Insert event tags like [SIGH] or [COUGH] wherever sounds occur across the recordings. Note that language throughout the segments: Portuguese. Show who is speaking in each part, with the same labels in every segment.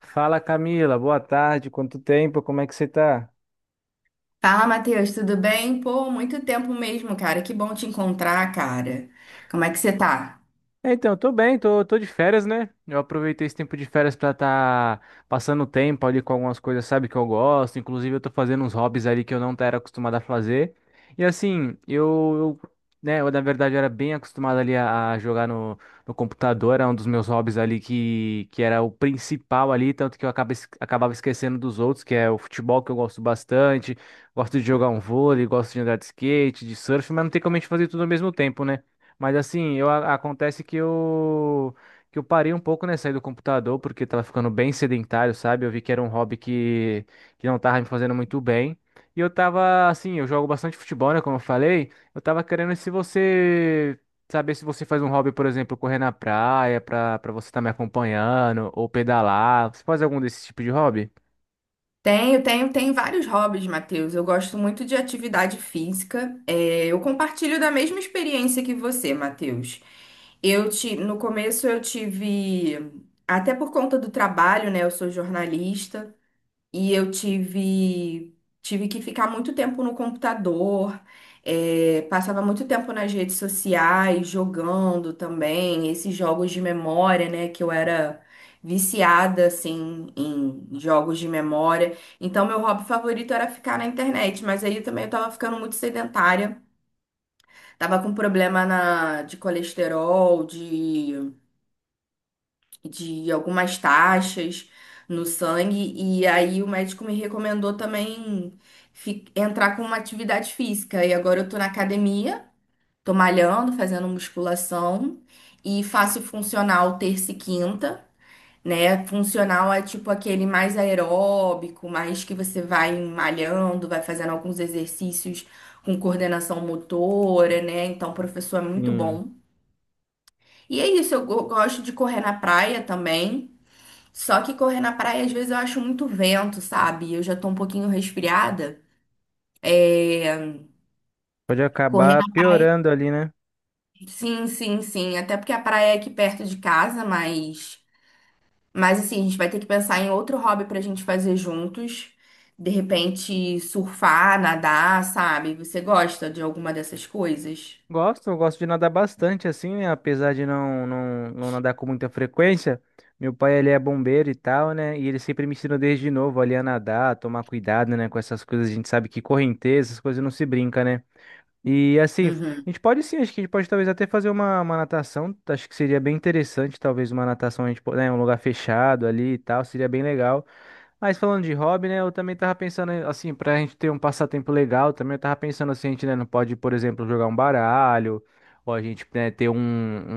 Speaker 1: Fala Camila, boa tarde, quanto tempo, como é que você tá?
Speaker 2: Fala, Matheus, tudo bem? Pô, muito tempo mesmo, cara. Que bom te encontrar, cara. Como é que você tá?
Speaker 1: Então, tô bem, tô de férias, né? Eu aproveitei esse tempo de férias pra tá passando tempo ali com algumas coisas, sabe, que eu gosto. Inclusive, eu tô fazendo uns hobbies ali que eu não era acostumado a fazer. E assim, né, eu na verdade era bem acostumado ali a jogar no computador, era um dos meus hobbies ali que era o principal ali, tanto que acabava esquecendo dos outros, que é o futebol, que eu gosto bastante. Gosto de jogar um vôlei, gosto de andar de skate, de surf, mas não tem como a gente fazer tudo ao mesmo tempo, né? Mas assim, acontece que eu parei um pouco, né, sair do computador, porque tava ficando bem sedentário, sabe? Eu vi que era um hobby que não tava me fazendo muito bem. E eu tava, assim, eu jogo bastante futebol, né, como eu falei. Eu tava querendo se você, saber se você faz um hobby, por exemplo, correr na praia, pra você estar me acompanhando, ou pedalar. Você faz algum desse tipo de hobby?
Speaker 2: Tenho vários hobbies, Matheus. Eu gosto muito de atividade física. É, eu compartilho da mesma experiência que você, Matheus. No começo eu tive, até por conta do trabalho, né? Eu sou jornalista. E eu tive que ficar muito tempo no computador, passava muito tempo nas redes sociais, jogando também, esses jogos de memória, né, que eu era viciada, assim, em jogos de memória. Então, meu hobby favorito era ficar na internet, mas aí também eu tava ficando muito sedentária, tava com problema na, de colesterol, de algumas taxas no sangue, e aí o médico me recomendou também entrar com uma atividade física. E agora eu tô na academia, tô malhando, fazendo musculação e faço funcional terça e quinta. Né? Funcional é tipo aquele mais aeróbico, mais que você vai malhando, vai fazendo alguns exercícios com coordenação motora, né? Então, o professor é muito
Speaker 1: Sim.
Speaker 2: bom. E é isso, eu gosto de correr na praia também. Só que correr na praia, às vezes, eu acho muito vento, sabe? Eu já tô um pouquinho resfriada. É,
Speaker 1: Pode
Speaker 2: Correr
Speaker 1: acabar
Speaker 2: na praia.
Speaker 1: piorando ali, né?
Speaker 2: Sim, sim, sim. Até porque a praia é aqui perto de casa, mas. Mas assim, a gente vai ter que pensar em outro hobby pra gente fazer juntos. De repente, surfar, nadar, sabe? Você gosta de alguma dessas coisas?
Speaker 1: Gosto, eu gosto de nadar bastante assim, né? Apesar de não nadar com muita frequência. Meu pai, ele é bombeiro e tal, né? E ele sempre me ensinou desde novo ali a nadar, a tomar cuidado, né? Com essas coisas, a gente sabe que correnteza, essas coisas não se brinca, né? E assim, a
Speaker 2: Uhum.
Speaker 1: gente pode sim, acho que a gente pode talvez até fazer uma natação. Acho que seria bem interessante, talvez uma natação, né? Um lugar fechado ali e tal, seria bem legal. Mas falando de hobby, né, eu também tava pensando, assim, pra gente ter um passatempo legal, também eu tava pensando assim, a gente, né, não pode, por exemplo, jogar um baralho, ou a gente, né, ter um,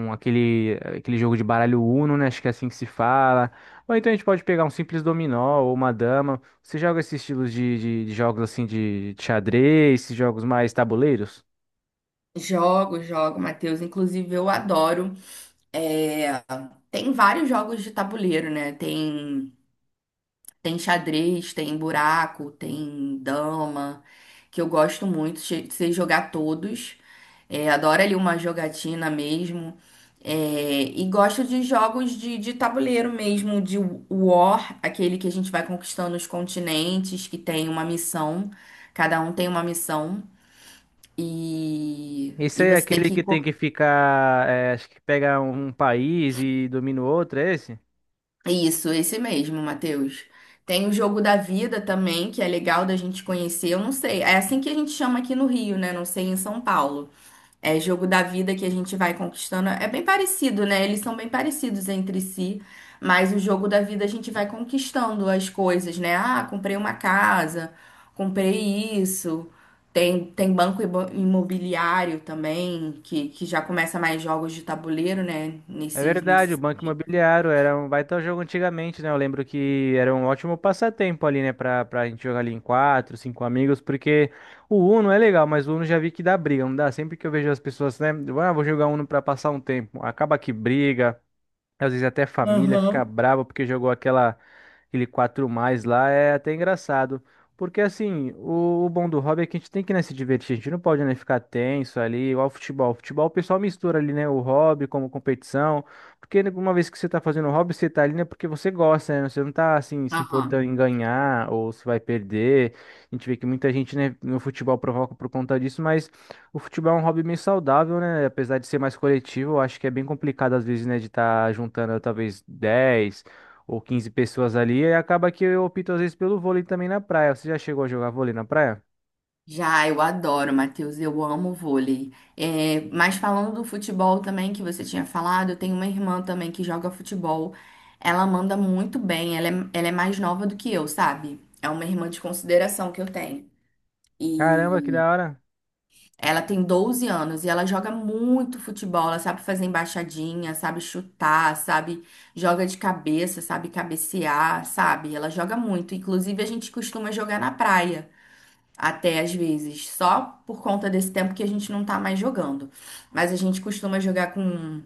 Speaker 1: um- aquele, aquele jogo de baralho Uno, né, acho que é assim que se fala, ou então a gente pode pegar um simples dominó ou uma dama. Você joga esses estilos de jogos, assim, de xadrez, esses jogos mais tabuleiros?
Speaker 2: Jogo, jogo, Matheus. Inclusive, eu adoro. É, Tem vários jogos de tabuleiro, né? Tem. Tem xadrez, tem buraco, tem dama, que eu gosto muito, sei jogar todos. É, adoro ali uma jogatina mesmo. É, e gosto de jogos de tabuleiro mesmo, de War, aquele que a gente vai conquistando os continentes, que tem uma missão, cada um tem uma missão, e,
Speaker 1: Esse
Speaker 2: e
Speaker 1: aí é
Speaker 2: você tem
Speaker 1: aquele
Speaker 2: que.
Speaker 1: que tem que ficar, acho que pega um país e domina o outro, é esse?
Speaker 2: Isso, esse mesmo, Matheus. Tem o Jogo da Vida também, que é legal da gente conhecer. Eu não sei, é assim que a gente chama aqui no Rio, né? Não sei em São Paulo. É Jogo da Vida que a gente vai conquistando. É bem parecido, né? Eles são bem parecidos entre si, mas o Jogo da Vida a gente vai conquistando as coisas, né? Ah, comprei uma casa, comprei isso. Tem banco imobiliário também, que já começa mais jogos de tabuleiro, né?
Speaker 1: É verdade, o
Speaker 2: Nesse...
Speaker 1: Banco Imobiliário era um baita jogo antigamente, né? Eu lembro que era um ótimo passatempo ali, né? Pra gente jogar ali em quatro, cinco amigos, porque o Uno é legal, mas o Uno já vi que dá briga, não dá? Sempre que eu vejo as pessoas, né? Ah, vou jogar Uno pra passar um tempo, acaba que briga, às vezes até família fica
Speaker 2: Aham.
Speaker 1: brava porque jogou aquela aquele 4 mais lá, é até engraçado. Porque assim, o bom do hobby é que a gente tem que, né, se divertir, a gente não pode, né, ficar tenso ali, igual ao futebol. O futebol o pessoal mistura ali, né, o hobby como competição, porque né, uma vez que você tá fazendo hobby, você tá ali, né, porque você gosta, né, você não tá, assim, se importando
Speaker 2: Aham.
Speaker 1: em ganhar ou se vai perder. A gente vê que muita gente, né, no futebol provoca por conta disso, mas o futebol é um hobby meio saudável, né? Apesar de ser mais coletivo, eu acho que é bem complicado às vezes, né, de estar juntando talvez 10 ou 15 pessoas ali e acaba que eu opto às vezes pelo vôlei também na praia. Você já chegou a jogar vôlei na praia?
Speaker 2: Já, eu adoro, Matheus, eu amo vôlei. É, mas falando do futebol também, que você tinha falado, eu tenho uma irmã também que joga futebol. Ela manda muito bem, ela é mais nova do que eu, sabe? É uma irmã de consideração que eu tenho.
Speaker 1: Caramba, que
Speaker 2: E
Speaker 1: da hora.
Speaker 2: ela tem 12 anos e ela joga muito futebol, ela sabe fazer embaixadinha, sabe chutar, sabe? Joga de cabeça, sabe cabecear, sabe? Ela joga muito. Inclusive, a gente costuma jogar na praia. Até às vezes, só por conta desse tempo que a gente não tá mais jogando. Mas a gente costuma jogar com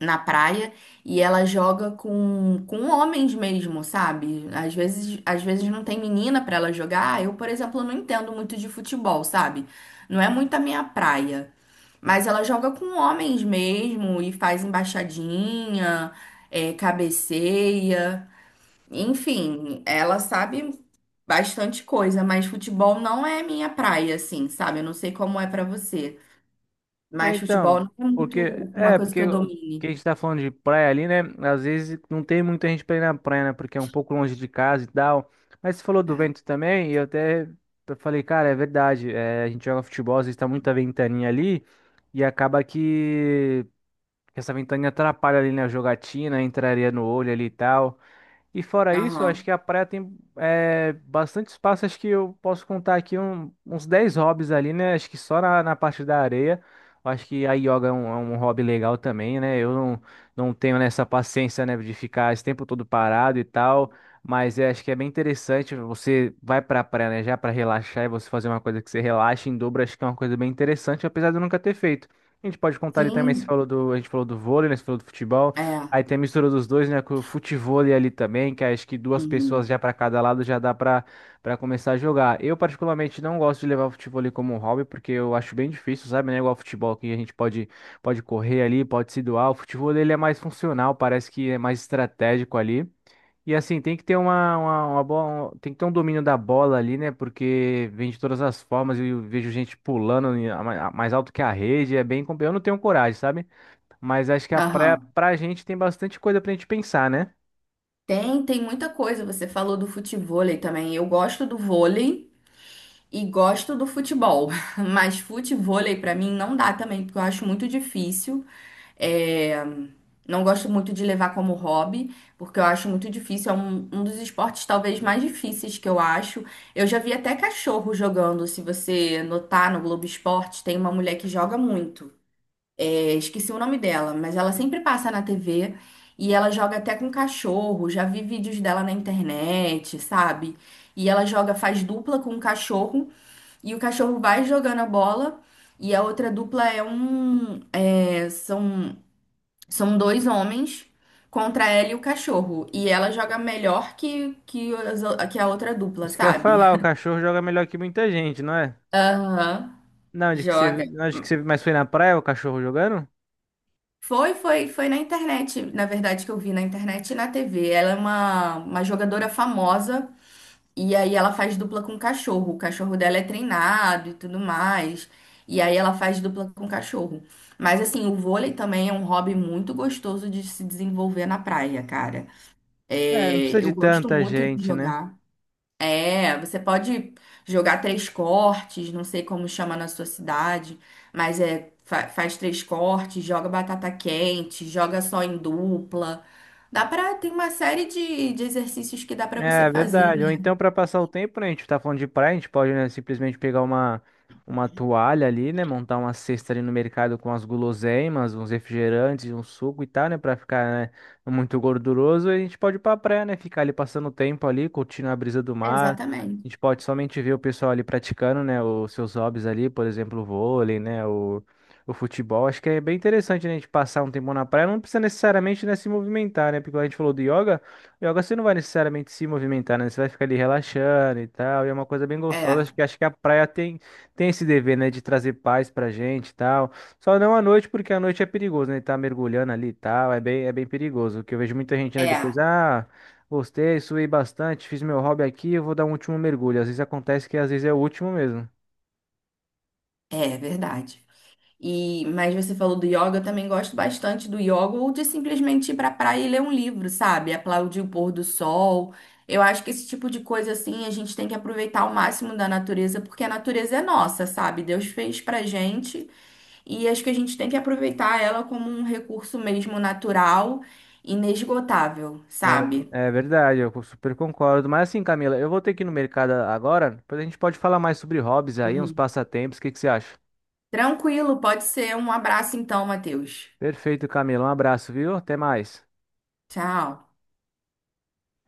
Speaker 2: na praia e ela joga com homens mesmo, sabe? Às vezes não tem menina pra ela jogar. Ah, eu, por exemplo, não entendo muito de futebol, sabe? Não é muito a minha praia. Mas ela joga com homens mesmo e faz embaixadinha, é, cabeceia. Enfim, ela sabe bastante coisa, mas futebol não é minha praia, assim, sabe? Eu não sei como é pra você,
Speaker 1: É,
Speaker 2: mas
Speaker 1: então,
Speaker 2: futebol não é muito uma coisa que
Speaker 1: porque
Speaker 2: eu
Speaker 1: o que a
Speaker 2: domine.
Speaker 1: gente tá falando de praia ali, né? Às vezes não tem muita gente pra ir na praia, né? Porque é um pouco longe de casa e tal. Mas você falou do
Speaker 2: É.
Speaker 1: vento também, e eu falei, cara, é verdade. É, a gente joga futebol, às vezes tá muita ventaninha ali, e acaba que essa ventaninha atrapalha ali na jogatina, entraria no olho ali e tal. E fora isso, eu acho
Speaker 2: Aham.
Speaker 1: que a praia tem é, bastante espaço. Acho que eu posso contar aqui uns 10 hobbies ali, né? Acho que só na parte da areia. Eu acho que a yoga é é um hobby legal também, né? Eu não, não tenho nessa paciência, né, de ficar esse tempo todo parado e tal. Mas eu acho que é bem interessante. Você vai pra praia, né, já pra relaxar e você fazer uma coisa que você relaxa em dobro. Acho que é uma coisa bem interessante, apesar de eu nunca ter feito. A gente pode contar ali também,
Speaker 2: Sim,
Speaker 1: a gente falou do vôlei, né? Você falou do futebol.
Speaker 2: é.
Speaker 1: Aí tem a mistura dos dois, né? Com o futevôlei ali também, que acho que duas pessoas
Speaker 2: Uhum.
Speaker 1: já para cada lado já dá para começar a jogar. Eu, particularmente, não gosto de levar o futevôlei como um hobby, porque eu acho bem difícil, sabe? Não é igual ao futebol que a gente pode correr ali, pode se doar. O futevôlei ele é mais funcional, parece que é mais estratégico ali. E assim, tem que ter uma boa, tem que ter um domínio da bola ali, né? Porque vem de todas as formas, eu vejo gente pulando mais alto que a rede, é bem, eu não tenho coragem, sabe? Mas acho que a praia,
Speaker 2: Aham.
Speaker 1: pra gente, tem bastante coisa pra gente pensar, né?
Speaker 2: Tem, tem muita coisa. Você falou do futevôlei também. Eu gosto do vôlei e gosto do futebol, [LAUGHS] mas futevôlei pra mim não dá também, porque eu acho muito difícil. É, não gosto muito de levar como hobby, porque eu acho muito difícil. É um dos esportes talvez mais difíceis que eu acho. Eu já vi até cachorro jogando. Se você notar no Globo Esporte, tem uma mulher que joga muito. É, esqueci o nome dela, mas ela sempre passa na TV e ela joga até com cachorro. Já vi vídeos dela na internet, sabe? E ela joga, faz dupla com o cachorro e o cachorro vai jogando a bola. E a outra dupla é um. É, são dois homens contra ela e o cachorro. E ela joga melhor as que a outra dupla,
Speaker 1: Isso que eu ia
Speaker 2: sabe?
Speaker 1: falar, o
Speaker 2: [LAUGHS]
Speaker 1: cachorro joga melhor que muita gente, não é?
Speaker 2: Aham, joga.
Speaker 1: Não, de que você mais foi na praia o cachorro jogando?
Speaker 2: Foi na internet, na verdade, que eu vi na internet e na TV. Ela é uma jogadora famosa e aí ela faz dupla com cachorro. O cachorro dela é treinado e tudo mais. E aí ela faz dupla com cachorro. Mas assim, o vôlei também é um hobby muito gostoso de se desenvolver na praia, cara.
Speaker 1: É, não
Speaker 2: É,
Speaker 1: precisa de
Speaker 2: eu gosto
Speaker 1: tanta
Speaker 2: muito de
Speaker 1: gente, né?
Speaker 2: jogar. É, você pode jogar três cortes, não sei como chama na sua cidade, mas é faz três cortes, joga batata quente, joga só em dupla. Dá pra, tem uma série de exercícios que dá pra você
Speaker 1: É
Speaker 2: fazer.
Speaker 1: verdade. Ou então,
Speaker 2: Né?
Speaker 1: para passar o tempo, né? A gente tá falando de praia, a gente pode, né, simplesmente pegar uma toalha ali, né? Montar uma cesta ali no mercado com as guloseimas, uns refrigerantes, um suco e tal, né? Pra ficar, né, muito gorduroso. E a gente pode ir pra praia, né? Ficar ali passando o tempo ali, curtindo a brisa do mar. A
Speaker 2: Exatamente.
Speaker 1: gente pode somente ver o pessoal ali praticando, né? Os seus hobbies ali, por exemplo, o vôlei, né? O futebol. Acho que é bem interessante, né? A gente passar um tempo na praia. Não precisa necessariamente, né, se movimentar, né? Porque como a gente falou do yoga. Yoga você não vai necessariamente se movimentar, né? Você vai ficar ali relaxando e tal. E é uma coisa bem gostosa.
Speaker 2: É,
Speaker 1: Acho que a praia tem, tem esse dever, né? De trazer paz pra gente e tal. Só não à noite, porque à noite é perigoso, né? Tá mergulhando ali e tal. É bem perigoso. Que eu vejo muita gente, né? Depois,
Speaker 2: é,
Speaker 1: ah, gostei, suei bastante, fiz meu hobby aqui, eu vou dar um último mergulho. Às vezes acontece que às vezes é o último mesmo.
Speaker 2: é verdade. E, mas você falou do yoga, eu também gosto bastante do yoga, ou de simplesmente ir pra praia e ler um livro, sabe? Aplaudir o pôr do sol. Eu acho que esse tipo de coisa assim, a gente tem que aproveitar ao máximo da natureza, porque a natureza é nossa, sabe? Deus fez pra gente e acho que a gente tem que aproveitar ela como um recurso mesmo natural, inesgotável, sabe?
Speaker 1: É, é verdade, eu super concordo. Mas assim, Camila, eu vou ter que ir no mercado agora. Depois a gente pode falar mais sobre hobbies aí, uns
Speaker 2: Uhum.
Speaker 1: passatempos. O que que você acha?
Speaker 2: Tranquilo, pode ser. Um abraço então, Matheus.
Speaker 1: Perfeito, Camila. Um abraço, viu? Até mais.
Speaker 2: Tchau.